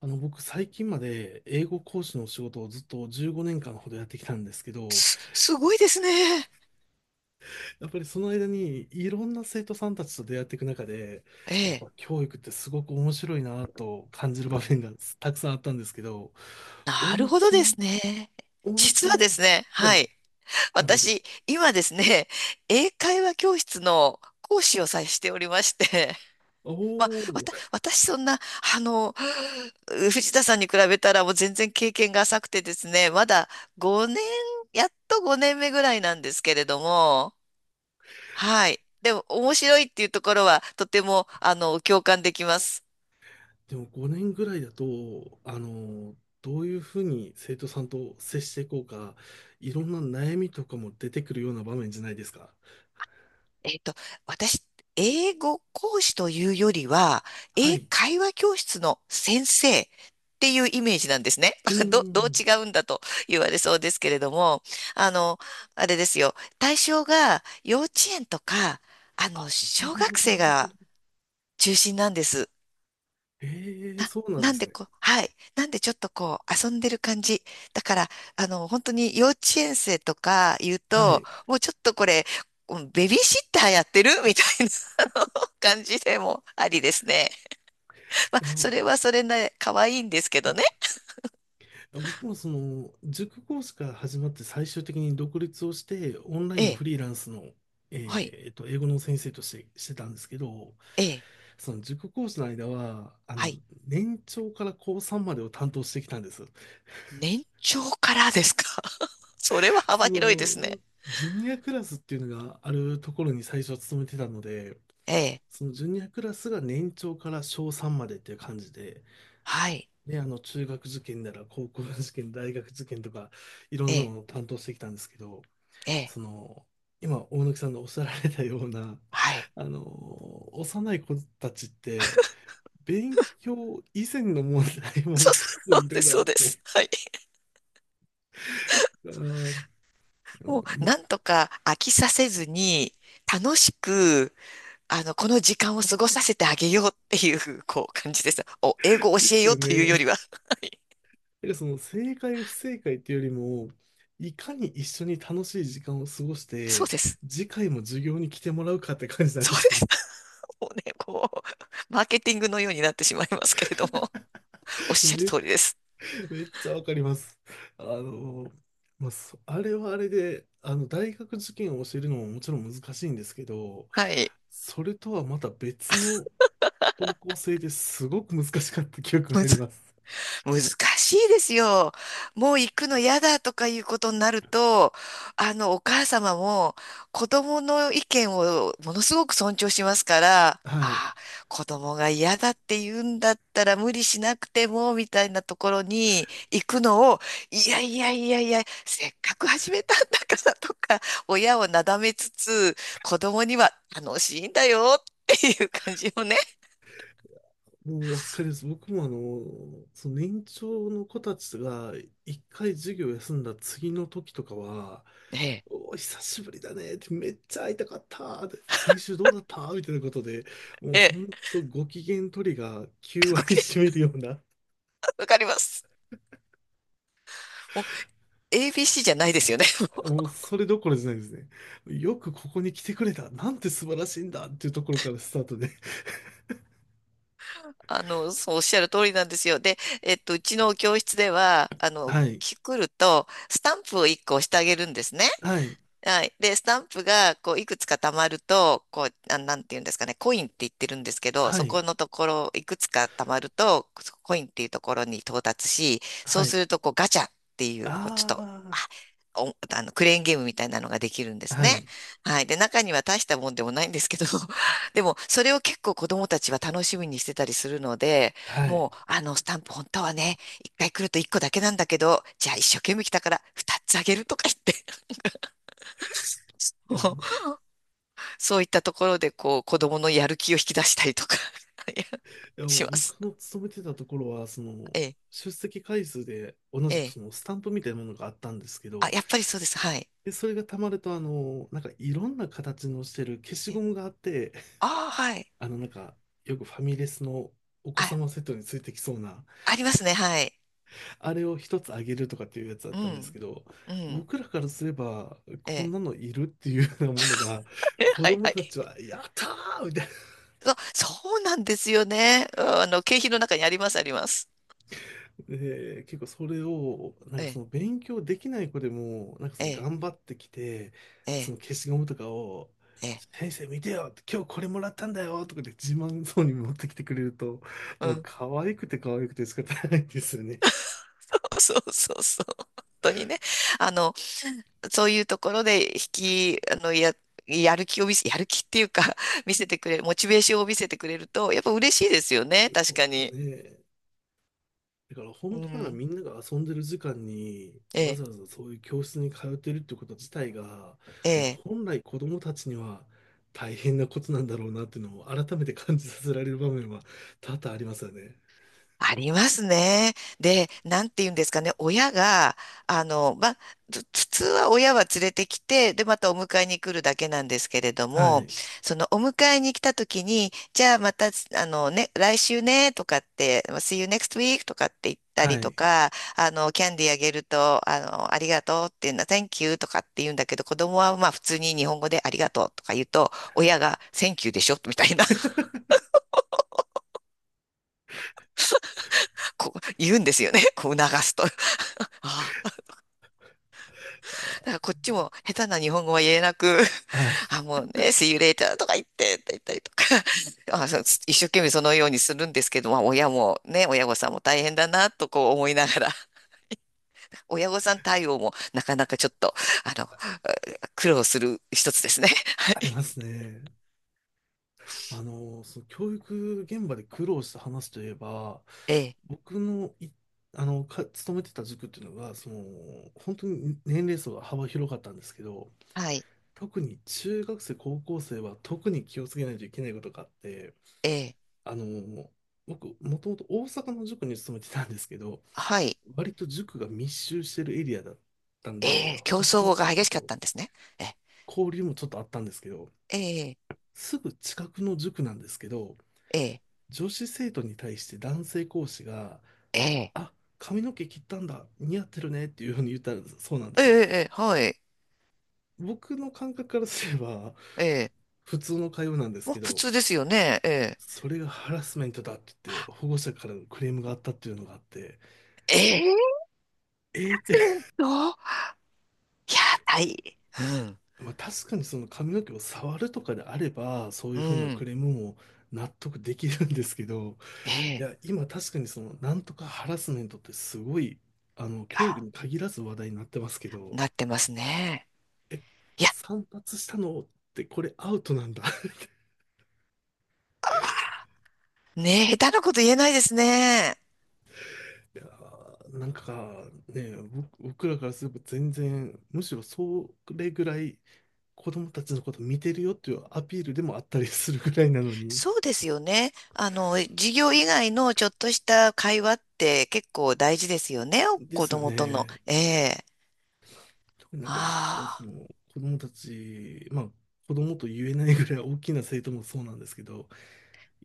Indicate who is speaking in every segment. Speaker 1: 僕、最近まで英語講師の仕事をずっと15年間ほどやってきたんですけど、
Speaker 2: すごいですね。
Speaker 1: やっぱりその間にいろんな生徒さんたちと出会っていく中で、
Speaker 2: え
Speaker 1: やっ
Speaker 2: え。
Speaker 1: ぱ教育ってすごく面白いなと感じる場面がたくさんあったんですけど、大
Speaker 2: なる
Speaker 1: 貫
Speaker 2: ほど
Speaker 1: さん
Speaker 2: で
Speaker 1: の、
Speaker 2: すね。
Speaker 1: 大貫
Speaker 2: 実
Speaker 1: さ
Speaker 2: は
Speaker 1: ん
Speaker 2: で
Speaker 1: は、
Speaker 2: すね、
Speaker 1: は
Speaker 2: は
Speaker 1: い、
Speaker 2: い。
Speaker 1: あ、どうぞ。
Speaker 2: 私、今ですね、英会話教室の講師をさえしておりまして、
Speaker 1: お
Speaker 2: まあ、
Speaker 1: お、
Speaker 2: 私そんな、あの、藤田さんに比べたらもう全然経験が浅くてですね、まだ5年、やっと5年目ぐらいなんですけれども、はい。でも、面白いっていうところは、とても、共感できます。
Speaker 1: でも5年ぐらいだと、どういうふうに生徒さんと接していこうか、いろんな悩みとかも出てくるような場面じゃないですか。
Speaker 2: えっと、私、英語講師というよりは、
Speaker 1: は
Speaker 2: 英
Speaker 1: い。
Speaker 2: 会話教室の先生っていうイメージなんですね。
Speaker 1: う
Speaker 2: どう
Speaker 1: ん。
Speaker 2: 違うんだと言われそうですけれども、あの、あれですよ。対象が幼稚園とか、
Speaker 1: あ、な
Speaker 2: 小
Speaker 1: るほ
Speaker 2: 学
Speaker 1: ど、
Speaker 2: 生
Speaker 1: なるほ
Speaker 2: が
Speaker 1: ど。
Speaker 2: 中心なんです。
Speaker 1: ええ、
Speaker 2: な、
Speaker 1: そうなんで
Speaker 2: なん
Speaker 1: す
Speaker 2: で
Speaker 1: ね。
Speaker 2: こう、はい。なんでちょっとこう、遊んでる感じ。だから、本当に幼稚園生とか言う
Speaker 1: はい。
Speaker 2: と、
Speaker 1: い
Speaker 2: もうちょっとこれ、うんベビーシッターやってるみたいな あの感じでもありですね。まあ、
Speaker 1: や、
Speaker 2: それはそれな、可愛いんですけどね。
Speaker 1: 僕もその、塾講師から始まって最終的に独立をして、オンライ
Speaker 2: え
Speaker 1: ンの
Speaker 2: え、
Speaker 1: フリーランスの、
Speaker 2: はい、
Speaker 1: 英語の先生として、してたんですけど、
Speaker 2: ええ、
Speaker 1: その塾講師の間は、
Speaker 2: はい。
Speaker 1: 年長から高3までを担当してきたんです。
Speaker 2: 年長からですか。 それは
Speaker 1: そ
Speaker 2: 幅広いです
Speaker 1: の、
Speaker 2: ね。
Speaker 1: ジュニアクラスっていうのがあるところに最初は勤めてたので、
Speaker 2: ええ、
Speaker 1: そのジュニアクラスが年長から小3までっていう感じで、
Speaker 2: はい、
Speaker 1: ね、中学受験なら高校受験、大学受験とか、いろ
Speaker 2: え
Speaker 1: んなも
Speaker 2: え、
Speaker 1: のを担当してきたんですけど、
Speaker 2: ええ、
Speaker 1: その、今、大貫さんのおっしゃられたような、
Speaker 2: はい。
Speaker 1: あの、幼い子たちって、勉強以前の問題
Speaker 2: そ
Speaker 1: も
Speaker 2: う、
Speaker 1: 結構
Speaker 2: そ
Speaker 1: い
Speaker 2: う
Speaker 1: ろ
Speaker 2: で
Speaker 1: い
Speaker 2: す、
Speaker 1: ろ
Speaker 2: そ
Speaker 1: あっ
Speaker 2: うです。
Speaker 1: て、
Speaker 2: はい。
Speaker 1: あー、
Speaker 2: を
Speaker 1: ま
Speaker 2: なんとか飽きさせずに、楽しく、この時間を過ごさせてあげようっていう、こう、感じです。お、英語を
Speaker 1: で
Speaker 2: 教え
Speaker 1: す
Speaker 2: よう
Speaker 1: よ
Speaker 2: というよ
Speaker 1: ね。
Speaker 2: りは、
Speaker 1: だからその正解不正解っていうよりも、いかに一緒に楽しい時間を過ごし
Speaker 2: そう
Speaker 1: て、
Speaker 2: です。
Speaker 1: 次回も授業に来てもらうかって感じなん
Speaker 2: そ
Speaker 1: で
Speaker 2: うで
Speaker 1: すね。
Speaker 2: す。もうね、こう、マーケティングのようになってしまいますけれども、おっ しゃる
Speaker 1: め
Speaker 2: 通りです。
Speaker 1: めっちゃわかります。あの、まあ、あれはあれで、大学受験を教えるのももちろん難しいんですけど、
Speaker 2: はい。
Speaker 1: それとはまた別の方向性ですごく難しかった記憶があり
Speaker 2: 難
Speaker 1: ます。
Speaker 2: 難しいですよ。もう行くの嫌だとかいうことになると、お母様も子供の意見をものすごく尊重しますから、
Speaker 1: はい。
Speaker 2: ああ、子供が嫌だって言うんだったら無理しなくても、みたいなところに行くのを、いやいやいやいや、せっかく始めたんだからとか、親をなだめつつ、子供には楽しいんだよっていう感じをね。
Speaker 1: もうわかります。僕もその年長の子たちが一回授業休んだ次の時とかは、
Speaker 2: ええ。
Speaker 1: おー、久しぶりだねって、めっちゃ会いたかったって、先週どうだったみたいなことで、もう
Speaker 2: え
Speaker 1: ほん
Speaker 2: え。
Speaker 1: とご機嫌取りが9割占め るような、
Speaker 2: わかります。ABC じゃないですよね。
Speaker 1: もう それどころじゃないですね。よくここに来てくれた。なんて素晴らしいんだっていうところからスタートで。
Speaker 2: そうおっしゃる通りなんですよ。で、うちの教室では、
Speaker 1: はい、
Speaker 2: 来ると、スタンプを1個押してあげるんですね。
Speaker 1: はい、
Speaker 2: はい。で、スタンプが、こう、いくつか貯まると、こう、あ、なんていうんですかね、コインって言ってるんですけど、
Speaker 1: は
Speaker 2: そこ
Speaker 1: い、
Speaker 2: のところ、いくつか貯まると、コインっていうところに到達し、そ
Speaker 1: は
Speaker 2: うす
Speaker 1: い。
Speaker 2: ると、こう、ガチャっていう、こうちょっと、
Speaker 1: あ
Speaker 2: あ、おあの、クレーンゲームみたいなのができるんで
Speaker 1: あ、
Speaker 2: す
Speaker 1: は
Speaker 2: ね。
Speaker 1: い、
Speaker 2: はい。で、中には大したもんでもないんですけど、でも、それを結構子供たちは楽しみにしてたりするので、
Speaker 1: はい。
Speaker 2: もう、スタンプ本当はね、一回来ると一個だけなんだけど、じゃあ一生懸命来たから二つあげるとか言って、
Speaker 1: いやあの、
Speaker 2: そういったところで、こう、子供のやる気を引き出したりとか。 いや、
Speaker 1: いやも
Speaker 2: し
Speaker 1: う
Speaker 2: ます。
Speaker 1: 僕の勤めてたところは、その、
Speaker 2: ええ、
Speaker 1: 出席回数で同
Speaker 2: え
Speaker 1: じく
Speaker 2: え。
Speaker 1: そのスタンプみたいなものがあったんですけ
Speaker 2: あ、
Speaker 1: ど、
Speaker 2: やっぱりそうです。はい。
Speaker 1: で、それが溜まると、なんかいろんな形のしてる消し
Speaker 2: え、
Speaker 1: ゴムがあって、
Speaker 2: ああー、はい。
Speaker 1: なんか、よくファミレスのお子
Speaker 2: あ、
Speaker 1: 様セットについてきそうな、
Speaker 2: ありますね。はい。
Speaker 1: あれを一つあげるとかっていうやつだっ
Speaker 2: う
Speaker 1: たんですけ
Speaker 2: ん、
Speaker 1: ど、
Speaker 2: うん、
Speaker 1: 僕らからすれば、
Speaker 2: え
Speaker 1: こん
Speaker 2: え。
Speaker 1: なのいるっていうようなものが、
Speaker 2: え、
Speaker 1: 子
Speaker 2: はい
Speaker 1: 供
Speaker 2: はい。
Speaker 1: たちは、やったーみたい
Speaker 2: そう、そうなんですよね。うん、あの、景品の中にあります、あります。
Speaker 1: で、結構それを、なん
Speaker 2: え
Speaker 1: かそ
Speaker 2: え、
Speaker 1: の勉強できない子でも、なんかそ
Speaker 2: え
Speaker 1: の
Speaker 2: え、
Speaker 1: 頑張ってきて、
Speaker 2: え
Speaker 1: そ
Speaker 2: え、
Speaker 1: の消しゴムとかを、
Speaker 2: ええ。
Speaker 1: 先生見てよ今日これもらったんだよとかで自慢そうに持ってきてくれると、
Speaker 2: う
Speaker 1: もう
Speaker 2: ん。
Speaker 1: 可愛くて可愛くて仕方ないですよね。
Speaker 2: そうそうそう。本当にね。あの、そういうところで引き、あの、や、やる気を見せ、やる気っていうか 見せてくれる、モチベーションを見せてくれると、やっぱ嬉しいですよね、
Speaker 1: そ
Speaker 2: 確
Speaker 1: う
Speaker 2: か
Speaker 1: です
Speaker 2: に。
Speaker 1: ね。だから
Speaker 2: う
Speaker 1: 本当なら
Speaker 2: ん。
Speaker 1: みんなが遊んでる時間に
Speaker 2: え
Speaker 1: わ
Speaker 2: え、
Speaker 1: ざわざそういう教室に通ってるってこと自体が、
Speaker 2: え
Speaker 1: まあ、
Speaker 2: え。
Speaker 1: 本来子どもたちには大変なことなんだろうなっていうのを改めて感じさせられる場面は多々ありますよね。
Speaker 2: ありますね。で、なんて言うんですかね、親が、まあ、普通は親は連れてきて、で、またお迎えに来るだけなんですけれど
Speaker 1: は
Speaker 2: も、
Speaker 1: い。
Speaker 2: そのお迎えに来た時に、じゃあまた、あのね、来週ね、とかって、まあ See you next week とかって言った
Speaker 1: は
Speaker 2: りと
Speaker 1: い。
Speaker 2: か、キャンディーあげると、ありがとうっていうのは、Thank you とかって言うんだけど、子供はまあ普通に日本語でありがとうとか言うと、親が Thank you でしょみたいな、こう言うんですよね。こう促すと。あ、だから
Speaker 1: あ
Speaker 2: こっちも下手な日本語は言えなく、
Speaker 1: はい。
Speaker 2: あ、もうね、See you later とか言ってって言ったりとか、あ、そう一生懸命そのようにするんですけど、まあ親もね、親御さんも大変だなとこう思いながら、親御さん対応もなかなかちょっと、あの、苦労する一つですね。
Speaker 1: ありますね。その教育現場で苦労した話といえば、
Speaker 2: ええ、
Speaker 1: 僕のい、勤めてた塾っていうのが、その、本当に年齢層が幅広かったんですけど、
Speaker 2: はい、
Speaker 1: 特に中学生、高校生は特に気をつけないといけないことがあって、
Speaker 2: ええ、
Speaker 1: あの、僕、もともと大阪の塾に勤めてたんですけど、
Speaker 2: はい、
Speaker 1: 割と塾が密集してるエリアだったん
Speaker 2: え
Speaker 1: で、
Speaker 2: え、競
Speaker 1: 他の
Speaker 2: 争が
Speaker 1: 塾
Speaker 2: 激しかっ
Speaker 1: と
Speaker 2: たんですね。え
Speaker 1: 交流もちょっとあったんですけど、
Speaker 2: え、
Speaker 1: すぐ近くの塾なんですけど、
Speaker 2: ええ、ええ、
Speaker 1: 女子生徒に対して男性講師が、
Speaker 2: ええ、
Speaker 1: あ、髪の毛切ったんだ、似合ってるねっていうふうに言ったらそうなんで
Speaker 2: ええ、
Speaker 1: すよ。
Speaker 2: ええ、はい、
Speaker 1: 僕の感覚からすれば、
Speaker 2: ええ、
Speaker 1: 普通の会話なんです
Speaker 2: ま
Speaker 1: け
Speaker 2: あ普
Speaker 1: ど、
Speaker 2: 通ですよね、ええ。
Speaker 1: それがハラスメントだって言って、保護者からのクレームがあったっていうのがあって、
Speaker 2: ええ、
Speaker 1: えーって、
Speaker 2: どう、いやー、大、
Speaker 1: まあ、確かにその髪の毛を触るとかであれば、そうい
Speaker 2: う
Speaker 1: う
Speaker 2: ん、
Speaker 1: ふうな
Speaker 2: う
Speaker 1: ク
Speaker 2: ん、
Speaker 1: レームも納得できるんですけど、
Speaker 2: え
Speaker 1: い
Speaker 2: え、
Speaker 1: や、今確かにその、なんとかハラスメントってすごい、教育に限らず話題になってますけど、
Speaker 2: なってますね。
Speaker 1: え、
Speaker 2: いや、
Speaker 1: 散髪したのってこれアウトなんだ
Speaker 2: ねえ、下手なこと言えないですね。
Speaker 1: いやー、なんかね、僕らからすれば全然、むしろそれぐらい、子供たちのこと見てるよっていうアピールでもあったりするぐらいなのに。
Speaker 2: そうですよね。授業以外のちょっとした会話って結構大事ですよね。
Speaker 1: で
Speaker 2: 子
Speaker 1: すよ
Speaker 2: 供との。
Speaker 1: ね。
Speaker 2: ええ、
Speaker 1: 特になんか僕はそ
Speaker 2: ああ、
Speaker 1: の子供たち、まあ子供と言えないぐらい大きな生徒もそうなんですけど、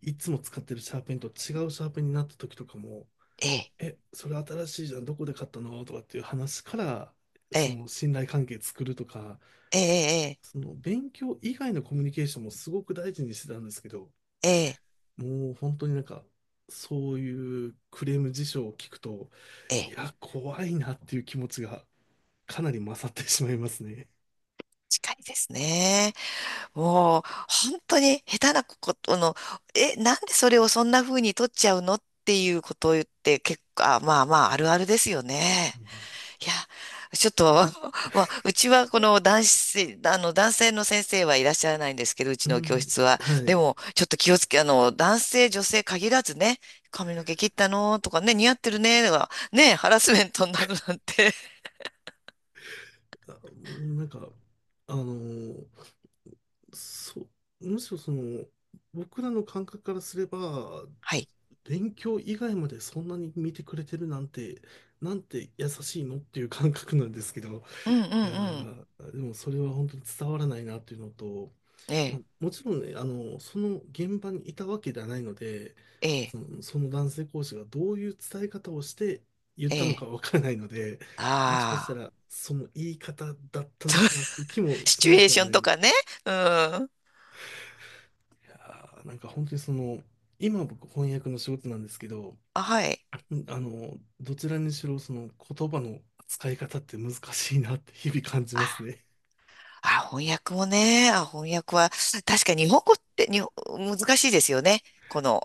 Speaker 1: いつも使ってるシャーペンと違うシャーペンになった時とかも、
Speaker 2: ええ、
Speaker 1: え、それ新しいじゃん、どこで買ったのとかっていう話から、
Speaker 2: え
Speaker 1: そ
Speaker 2: え、
Speaker 1: の信頼関係作るとか、
Speaker 2: ええ、
Speaker 1: その勉強以外のコミュニケーションもすごく大事にしてたんですけど、
Speaker 2: ええ、
Speaker 1: もう本当になんか、そういうクレーム事象を聞くと、
Speaker 2: え
Speaker 1: い
Speaker 2: え、ええ、
Speaker 1: や、怖いなっていう気持ちがかなり勝ってしまいますね。
Speaker 2: 近いですね。もう、本当に下手なことの、え、なんでそれをそんな風に取っちゃうのっていうことを言って、結構、まあまあ、あるあるですよね。
Speaker 1: まあ
Speaker 2: いや、ちょっと、まあ、うちはこの男子、男性の先生はいらっしゃらないんですけど、う
Speaker 1: う
Speaker 2: ちの教
Speaker 1: ん、
Speaker 2: 室は。
Speaker 1: は
Speaker 2: で
Speaker 1: い。
Speaker 2: も、ちょっと気をつけ、男性、女性限らずね、髪の毛切ったのとかね、似合ってるね、とか、ね、ハラスメントになるなんて。
Speaker 1: あなんか、あのーそう、むしろその、僕らの感覚からすれば、
Speaker 2: はい。
Speaker 1: 勉強以外までそんなに見てくれてるなんて、なんて優しいのっていう感覚なんですけど、
Speaker 2: うんうん
Speaker 1: いや
Speaker 2: うん。
Speaker 1: ーでもそれは本当に伝わらないなというのと、
Speaker 2: え
Speaker 1: まあ、
Speaker 2: え、
Speaker 1: もちろんね、その現場にいたわけではないので、
Speaker 2: ええ、
Speaker 1: その男性講師がどういう伝え方をして言っ
Speaker 2: え
Speaker 1: たの
Speaker 2: え。
Speaker 1: かわからないので、もしかした
Speaker 2: ああ。
Speaker 1: らその言い方だったのかなという気も
Speaker 2: シ
Speaker 1: し
Speaker 2: チュ
Speaker 1: な
Speaker 2: エー
Speaker 1: くは
Speaker 2: ショ
Speaker 1: な
Speaker 2: ン
Speaker 1: いん
Speaker 2: と
Speaker 1: です。
Speaker 2: かね。うん。
Speaker 1: いやーなんか本当にその、今僕翻訳の仕事なんですけど、
Speaker 2: あ、はい。
Speaker 1: どちらにしろその言葉の使い方って難しいなって日々感じ
Speaker 2: あ、
Speaker 1: ますね。
Speaker 2: あ、翻訳もね。あ、翻訳は、確かに日本語って難しいですよね。この、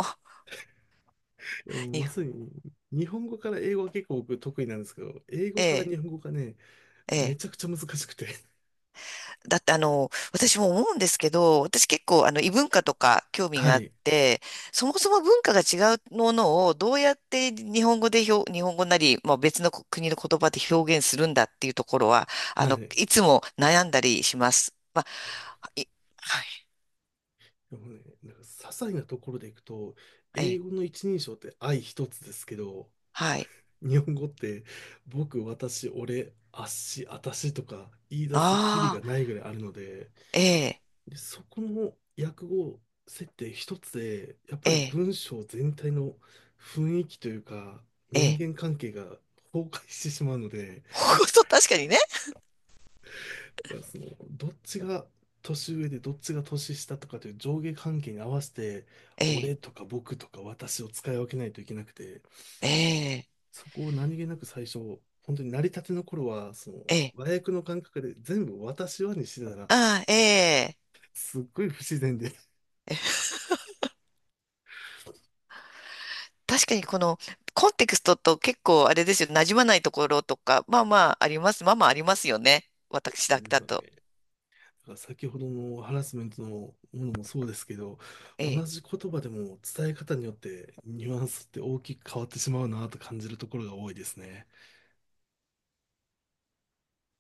Speaker 1: でもま
Speaker 2: に、
Speaker 1: さに、日本語から英語は結構僕得意なんですけど、英
Speaker 2: え
Speaker 1: 語から
Speaker 2: え、
Speaker 1: 日本語がね、
Speaker 2: え
Speaker 1: め
Speaker 2: え。
Speaker 1: ちゃくちゃ難しくて。
Speaker 2: だって私も思うんですけど、私結構異文化とか興 味
Speaker 1: は
Speaker 2: があっ
Speaker 1: い。
Speaker 2: て、そもそも文化が違うものをどうやって日本語で表、日本語なり、まあ、別の国の言葉で表現するんだっていうところは、
Speaker 1: はい。
Speaker 2: いつも悩んだりします。あ、い、はい、
Speaker 1: でもね、なんか些細なところでいくと、
Speaker 2: え
Speaker 1: 英
Speaker 2: え、
Speaker 1: 語の一人称って愛一つですけど、
Speaker 2: はい。
Speaker 1: 日本語って僕、私、俺、あっし、あたしとか言い出すとキリが
Speaker 2: ああ、
Speaker 1: ないぐらいあるので、
Speaker 2: ええ、
Speaker 1: でそこの訳語設定一つで、やっぱ
Speaker 2: え
Speaker 1: り
Speaker 2: え、
Speaker 1: 文章全体の雰囲気というか、
Speaker 2: え
Speaker 1: 人
Speaker 2: え。
Speaker 1: 間関係が崩壊してしまうので、
Speaker 2: ほんと、確かにね。
Speaker 1: だからその、どっちが年上でどっちが年下とかという上下関係に合わせて、
Speaker 2: ええ、
Speaker 1: 俺とか僕とか私を使い分けないといけなくて、
Speaker 2: ええ、
Speaker 1: そこを何気なく最初、本当に成り立ての頃は、その、
Speaker 2: ええ。
Speaker 1: 和訳の感覚で全部私はにしてたら、
Speaker 2: ああ、ええ。
Speaker 1: すっごい不自然で。
Speaker 2: 確かにこの、コンテクストと結構あれですよ、馴染まないところとか、まあまああります。まあまあありますよね。私
Speaker 1: な
Speaker 2: だ
Speaker 1: ん
Speaker 2: け
Speaker 1: です
Speaker 2: だ
Speaker 1: よ
Speaker 2: と。
Speaker 1: ね。だから先ほどのハラスメントのものもそうですけど、
Speaker 2: え
Speaker 1: 同
Speaker 2: え。
Speaker 1: じ言葉でも伝え方によってニュアンスって大きく変わってしまうなと感じるところが多いですね。